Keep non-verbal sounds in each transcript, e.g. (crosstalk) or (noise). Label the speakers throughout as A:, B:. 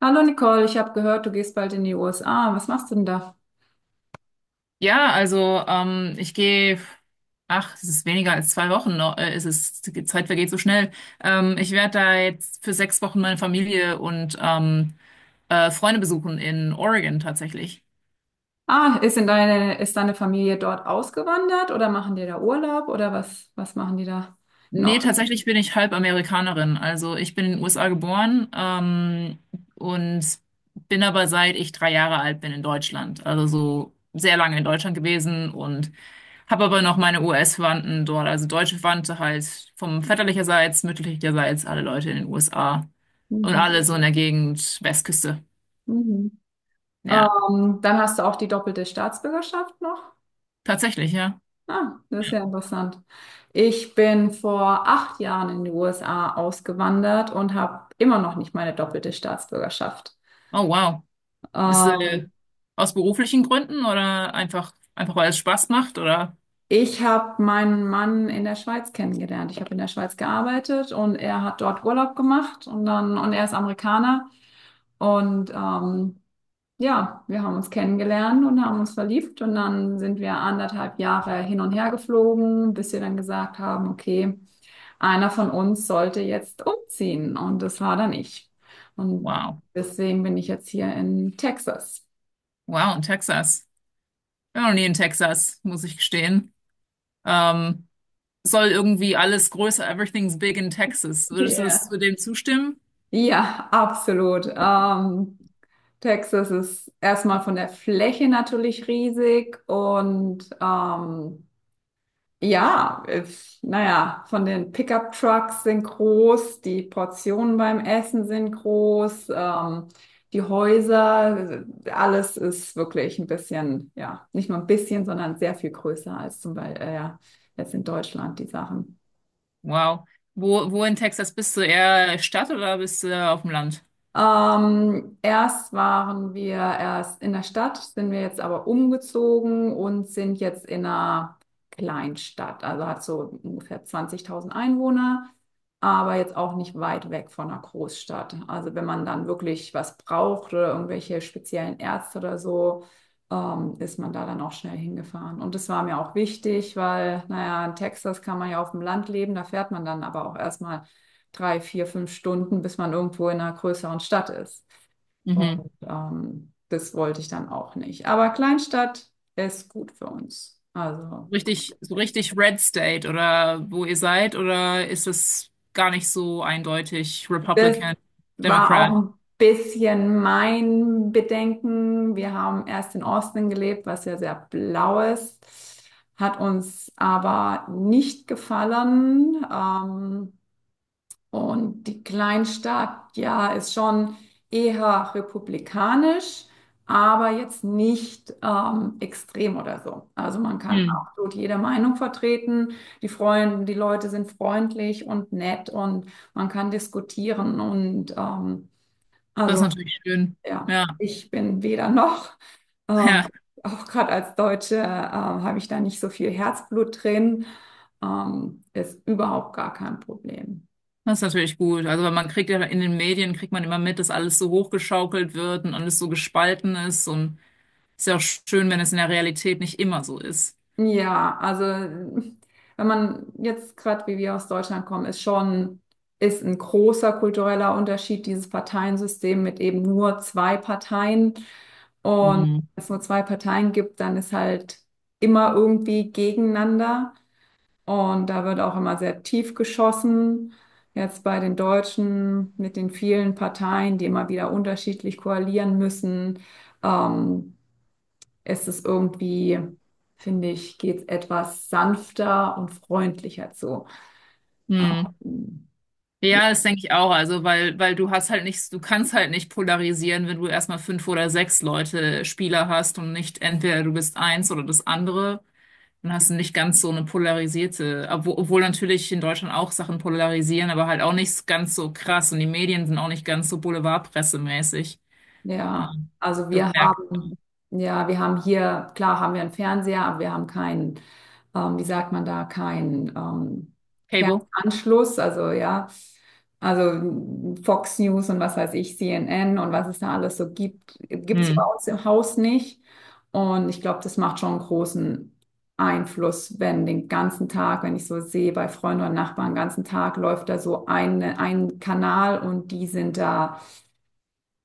A: Hallo Nicole, ich habe gehört, du gehst bald in die USA. Was machst du denn da?
B: Ja, also ich gehe, ach, es ist weniger als 2 Wochen noch, die Zeit vergeht so schnell. Ich werde da jetzt für 6 Wochen meine Familie und Freunde besuchen in Oregon tatsächlich.
A: Ah, ist deine Familie dort ausgewandert oder machen die da Urlaub oder was machen die da? In
B: Nee,
A: Ordnung.
B: tatsächlich bin ich halb Amerikanerin. Also ich bin in den USA geboren und bin aber seit ich 3 Jahre alt bin in Deutschland. Also so sehr lange in Deutschland gewesen und habe aber noch meine US-Verwandten dort, also deutsche Verwandte halt vom väterlicherseits, mütterlicherseits, alle Leute in den USA und
A: Mhm.
B: alle so in der Gegend Westküste.
A: Mhm.
B: Ja,
A: Dann hast du auch die doppelte Staatsbürgerschaft noch.
B: tatsächlich, ja.
A: Ah, das ist ja interessant. Ich bin vor 8 Jahren in die USA ausgewandert und habe immer noch nicht meine doppelte Staatsbürgerschaft.
B: Oh wow. Bist du
A: Ähm,
B: aus beruflichen Gründen oder einfach weil es Spaß macht oder?
A: Ich habe meinen Mann in der Schweiz kennengelernt. Ich habe in der Schweiz gearbeitet und er hat dort Urlaub gemacht und er ist Amerikaner. Und ja, wir haben uns kennengelernt und haben uns verliebt und dann sind wir 1,5 Jahre hin und her geflogen, bis wir dann gesagt haben, okay, einer von uns sollte jetzt umziehen. Und das war dann ich. Und
B: Wow.
A: deswegen bin ich jetzt hier in Texas.
B: Wow, in Texas. Ich war noch nie in Texas, muss ich gestehen. Ähm, Soll irgendwie alles größer, everything's big in Texas. Würdest du das zu
A: Ja.
B: dem zustimmen?
A: Ja, absolut. Texas ist erstmal von der Fläche natürlich riesig und ja, naja, von den Pickup-Trucks sind groß, die Portionen beim Essen sind groß, die Häuser, alles ist wirklich ein bisschen, ja, nicht nur ein bisschen, sondern sehr viel größer als zum Beispiel ja, jetzt in Deutschland die Sachen.
B: Wow. Wo in Texas bist du? Eher Stadt oder bist du auf dem Land?
A: Erst waren wir erst in der Stadt, sind wir jetzt aber umgezogen und sind jetzt in einer Kleinstadt. Also hat so ungefähr 20.000 Einwohner, aber jetzt auch nicht weit weg von einer Großstadt. Also wenn man dann wirklich was braucht oder irgendwelche speziellen Ärzte oder so, ist man da dann auch schnell hingefahren. Und das war mir auch wichtig, weil, naja, in Texas kann man ja auf dem Land leben, da fährt man dann aber auch erstmal 3, 4, 5 Stunden, bis man irgendwo in einer größeren Stadt ist.
B: Mhm.
A: Und das wollte ich dann auch nicht. Aber Kleinstadt ist gut für uns. Also
B: Richtig, so richtig Red State oder wo ihr seid, oder ist es gar nicht so eindeutig
A: das
B: Republican,
A: war auch
B: Democrat?
A: ein bisschen mein Bedenken. Wir haben erst in Austin gelebt, was ja sehr blau ist, hat uns aber nicht gefallen. Und die Kleinstadt, ja, ist schon eher republikanisch, aber jetzt nicht extrem oder so. Also man kann
B: Hm.
A: absolut jede Meinung vertreten. Die Freunde, die Leute sind freundlich und nett und man kann diskutieren. Und
B: Das ist
A: also
B: natürlich schön.
A: ja,
B: Ja,
A: ich bin weder noch.
B: (laughs)
A: Ähm,
B: ja,
A: Auch gerade als Deutsche habe ich da nicht so viel Herzblut drin. Ist überhaupt gar kein Problem.
B: das ist natürlich gut. Also weil man kriegt ja in den Medien, kriegt man immer mit, dass alles so hochgeschaukelt wird und alles so gespalten ist, und ist ja auch schön, wenn es in der Realität nicht immer so ist.
A: Ja, also hm, wenn man jetzt gerade wie wir aus Deutschland kommen, ist schon ist ein großer kultureller Unterschied dieses Parteiensystem mit eben nur 2 Parteien. Und wenn
B: Hm.
A: es nur 2 Parteien gibt, dann ist halt immer irgendwie gegeneinander. Und da wird auch immer sehr tief geschossen. Jetzt bei den Deutschen mit den vielen Parteien, die immer wieder unterschiedlich koalieren müssen. Ähm, Ist es irgendwie, finde ich, geht es etwas sanfter und freundlicher zu.
B: Hm.
A: Ähm,
B: Ja, das denke ich auch. Also, weil du hast halt nicht, du kannst halt nicht polarisieren, wenn du erstmal fünf oder sechs Leute, Spieler hast und nicht entweder du bist eins oder das andere. Dann hast du nicht ganz so eine polarisierte, obwohl natürlich in Deutschland auch Sachen polarisieren, aber halt auch nicht ganz so krass, und die Medien sind auch nicht ganz so boulevardpressemäßig.
A: Ja,
B: Ähm, Das merkt
A: ja, wir haben hier, klar haben wir einen Fernseher, aber wir haben keinen, wie sagt man da, keinen
B: Cable.
A: Fernanschluss, also ja, also Fox News und was weiß ich, CNN und was es da alles so gibt, gibt es bei
B: Hm.
A: uns im Haus nicht. Und ich glaube, das macht schon einen großen Einfluss, wenn den ganzen Tag, wenn ich so sehe, bei Freunden und Nachbarn, den ganzen Tag läuft da so ein Kanal und die sind da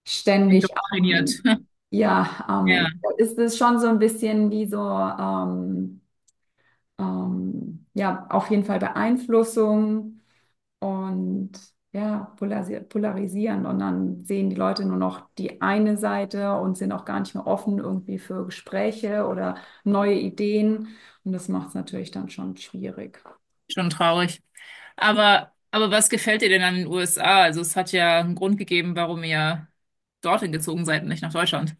A: ständig
B: Indoktriniert.
A: am,
B: (laughs)
A: ja,
B: Ja,
A: ist es schon so ein bisschen wie so, ja, auf jeden Fall Beeinflussung und ja, polarisieren. Und dann sehen die Leute nur noch die eine Seite und sind auch gar nicht mehr offen irgendwie für Gespräche oder neue Ideen. Und das macht es natürlich dann schon schwierig.
B: schon traurig. Aber was gefällt dir denn an den USA? Also es hat ja einen Grund gegeben, warum ihr dorthin gezogen seid und nicht nach Deutschland.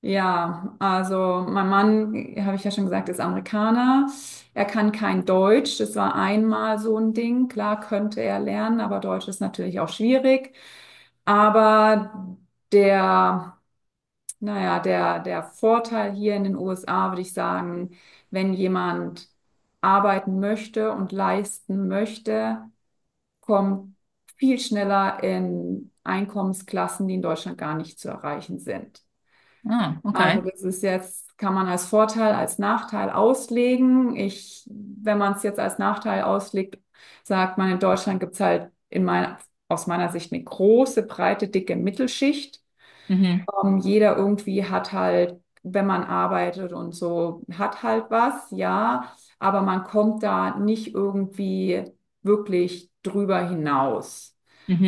A: Ja, also mein Mann, habe ich ja schon gesagt, ist Amerikaner. Er kann kein Deutsch. Das war einmal so ein Ding. Klar könnte er lernen, aber Deutsch ist natürlich auch schwierig. Aber der, naja, der Vorteil hier in den USA, würde ich sagen, wenn jemand arbeiten möchte und leisten möchte, kommt viel schneller in Einkommensklassen, die in Deutschland gar nicht zu erreichen sind.
B: Ah,
A: Also
B: okay.
A: das ist jetzt, kann man als Vorteil, als Nachteil auslegen. Ich, wenn man es jetzt als Nachteil auslegt, sagt man, in Deutschland gibt es halt aus meiner Sicht eine große, breite, dicke Mittelschicht.
B: Mhm,
A: Jeder irgendwie hat halt, wenn man arbeitet und so, hat halt was, ja, aber man kommt da nicht irgendwie wirklich drüber hinaus.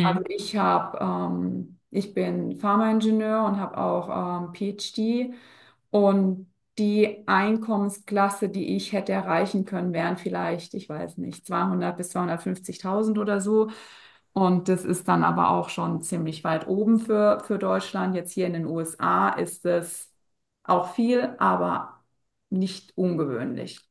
A: Ich bin Pharmaingenieur und habe auch PhD und die Einkommensklasse, die ich hätte erreichen können, wären vielleicht, ich weiß nicht, 200 bis 250.000 oder so. Und das ist dann aber auch schon ziemlich weit oben für Deutschland. Jetzt hier in den USA ist es auch viel, aber nicht ungewöhnlich.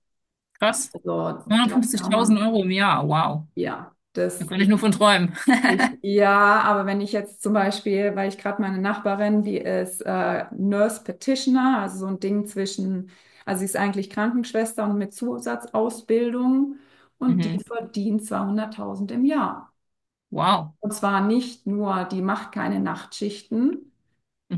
B: Krass.
A: Also da kann
B: 250.000
A: man,
B: Euro im Jahr. Wow.
A: ja,
B: Da könnte ich nur von träumen. (laughs)
A: ja, aber wenn ich jetzt zum Beispiel, weil ich gerade meine Nachbarin, die ist Nurse Practitioner, also so ein Ding zwischen, also sie ist eigentlich Krankenschwester und mit Zusatzausbildung und die
B: Mhm.
A: verdient 200.000 im Jahr.
B: Wow.
A: Und zwar nicht nur, die macht keine Nachtschichten,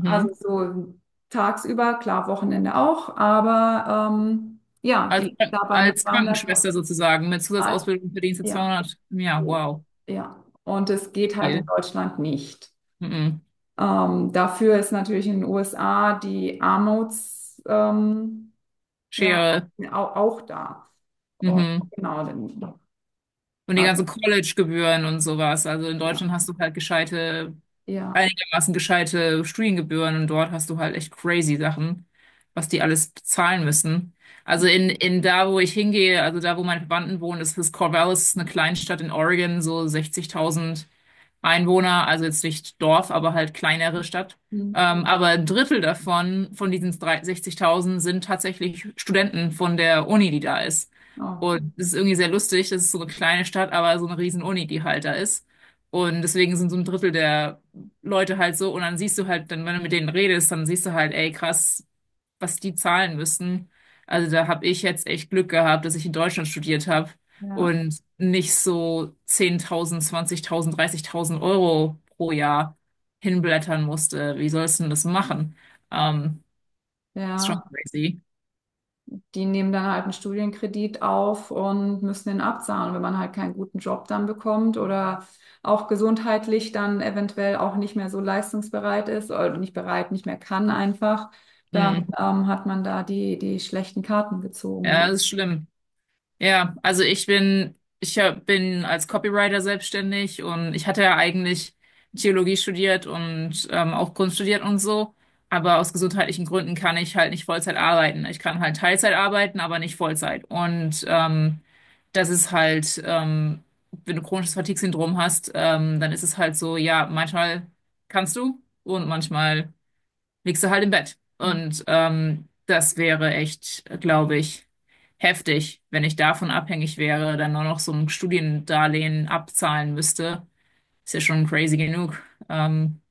A: also so tagsüber, klar, Wochenende auch, aber ja,
B: Als,
A: die ist dabei mit
B: als
A: 200.000,
B: Krankenschwester sozusagen mit Zusatzausbildung verdienst du
A: ja,
B: 200 im Jahr.
A: ja,
B: Wow.
A: ja. Und es geht halt in
B: Viel.
A: Deutschland nicht.
B: Mhm.
A: Dafür ist natürlich in den USA die ja,
B: Schere.
A: auch, auch da. Und
B: Mhm.
A: genau, dann,
B: Und die
A: also,
B: ganzen College-Gebühren und sowas. Also in
A: ja,
B: Deutschland hast du halt gescheite,
A: ja,
B: einigermaßen gescheite Studiengebühren, und dort hast du halt echt crazy Sachen, was die alles bezahlen müssen. Also in da, wo ich hingehe, also da, wo meine Verwandten wohnen, ist das Corvallis, eine Kleinstadt in Oregon, so 60.000 Einwohner, also jetzt nicht Dorf, aber halt kleinere Stadt.
A: hm,
B: Aber ein Drittel davon, von diesen 3 60.000, sind tatsächlich Studenten von der Uni, die da ist.
A: oh,
B: Und es ist irgendwie sehr lustig, das ist so eine kleine Stadt, aber so eine riesen Uni, die halt da ist. Und deswegen sind so ein Drittel der Leute halt so, und dann siehst du halt, dann, wenn du mit denen redest, dann siehst du halt, ey, krass, was die zahlen müssen. Also da habe ich jetzt echt Glück gehabt, dass ich in Deutschland studiert habe
A: ja,
B: und nicht so 10.000, 20.000, 30.000 Euro pro Jahr hinblättern musste. Wie sollst du denn das machen? Ähm, Ist schon
A: ja.
B: crazy.
A: Die nehmen dann halt einen Studienkredit auf und müssen den abzahlen, wenn man halt keinen guten Job dann bekommt oder auch gesundheitlich dann eventuell auch nicht mehr so leistungsbereit ist oder nicht bereit, nicht mehr kann einfach, dann
B: Hm.
A: hat man da die schlechten Karten gezogen. Ne?
B: Ja, das ist schlimm. Ja, also ich bin, ich hab- bin als Copywriter selbstständig, und ich hatte ja eigentlich Theologie studiert und auch Kunst studiert und so. Aber aus gesundheitlichen Gründen kann ich halt nicht Vollzeit arbeiten. Ich kann halt Teilzeit arbeiten, aber nicht Vollzeit. Und das ist halt, wenn du chronisches Fatigue-Syndrom hast, dann ist es halt so, ja, manchmal kannst du und manchmal liegst du halt im Bett. Und das wäre echt, glaube ich, heftig, wenn ich davon abhängig wäre, dann nur noch so ein Studiendarlehen abzahlen müsste. Ist ja schon crazy genug. Ähm,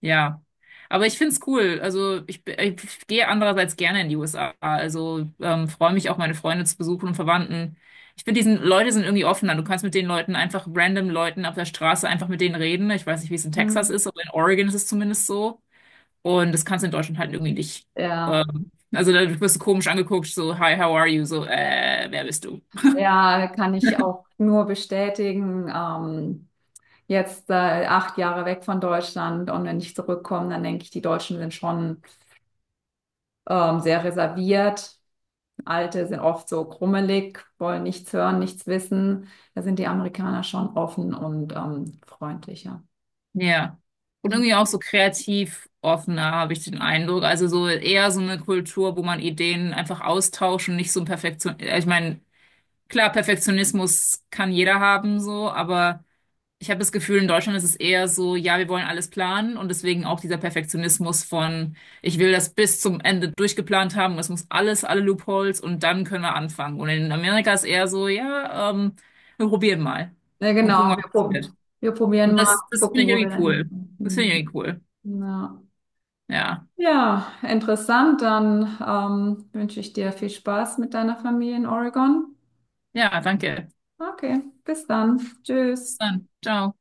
B: ja. Aber ich find's cool. Also ich gehe andererseits gerne in die USA. Also freue mich auch, meine Freunde zu besuchen und Verwandten. Ich finde, diesen Leute sind irgendwie offener. Du kannst mit den Leuten einfach random, Leuten auf der Straße, einfach mit denen reden. Ich weiß nicht, wie es in Texas
A: Hm.
B: ist, aber in Oregon ist es zumindest so. Und das kannst du in Deutschland halt irgendwie nicht.
A: Ja,
B: Also da wirst du komisch angeguckt, so, hi, how are you? So, wer bist du?
A: ja, kann ich auch nur bestätigen. Jetzt 8 Jahre weg von Deutschland und wenn ich zurückkomme, dann denke ich, die Deutschen sind schon sehr reserviert. Alte sind oft so krummelig, wollen nichts hören, nichts wissen. Da sind die Amerikaner schon offen und freundlicher.
B: Ja. Und
A: Ja,
B: irgendwie auch so kreativ offener, habe ich den Eindruck. Also so eher so eine Kultur, wo man Ideen einfach austauscht und nicht so ein Perfektion. Also ich meine, klar, Perfektionismus kann jeder haben, so, aber ich habe das Gefühl, in Deutschland ist es eher so, ja, wir wollen alles planen, und deswegen auch dieser Perfektionismus von, ich will das bis zum Ende durchgeplant haben, es muss alles, alle Loopholes, und dann können wir anfangen. Und in Amerika ist eher so, ja, wir probieren mal
A: ja,
B: und gucken,
A: genau,
B: was passiert.
A: wir probieren
B: Und
A: mal,
B: das finde
A: gucken,
B: ich
A: wo wir da
B: irgendwie cool. Das finde ich
A: hinkommen.
B: irgendwie cool.
A: Mhm. Ja.
B: Ja.
A: Ja, interessant. Dann wünsche ich dir viel Spaß mit deiner Familie in Oregon.
B: Ja, danke.
A: Okay, bis dann.
B: Bis
A: Tschüss.
B: dann. Ciao.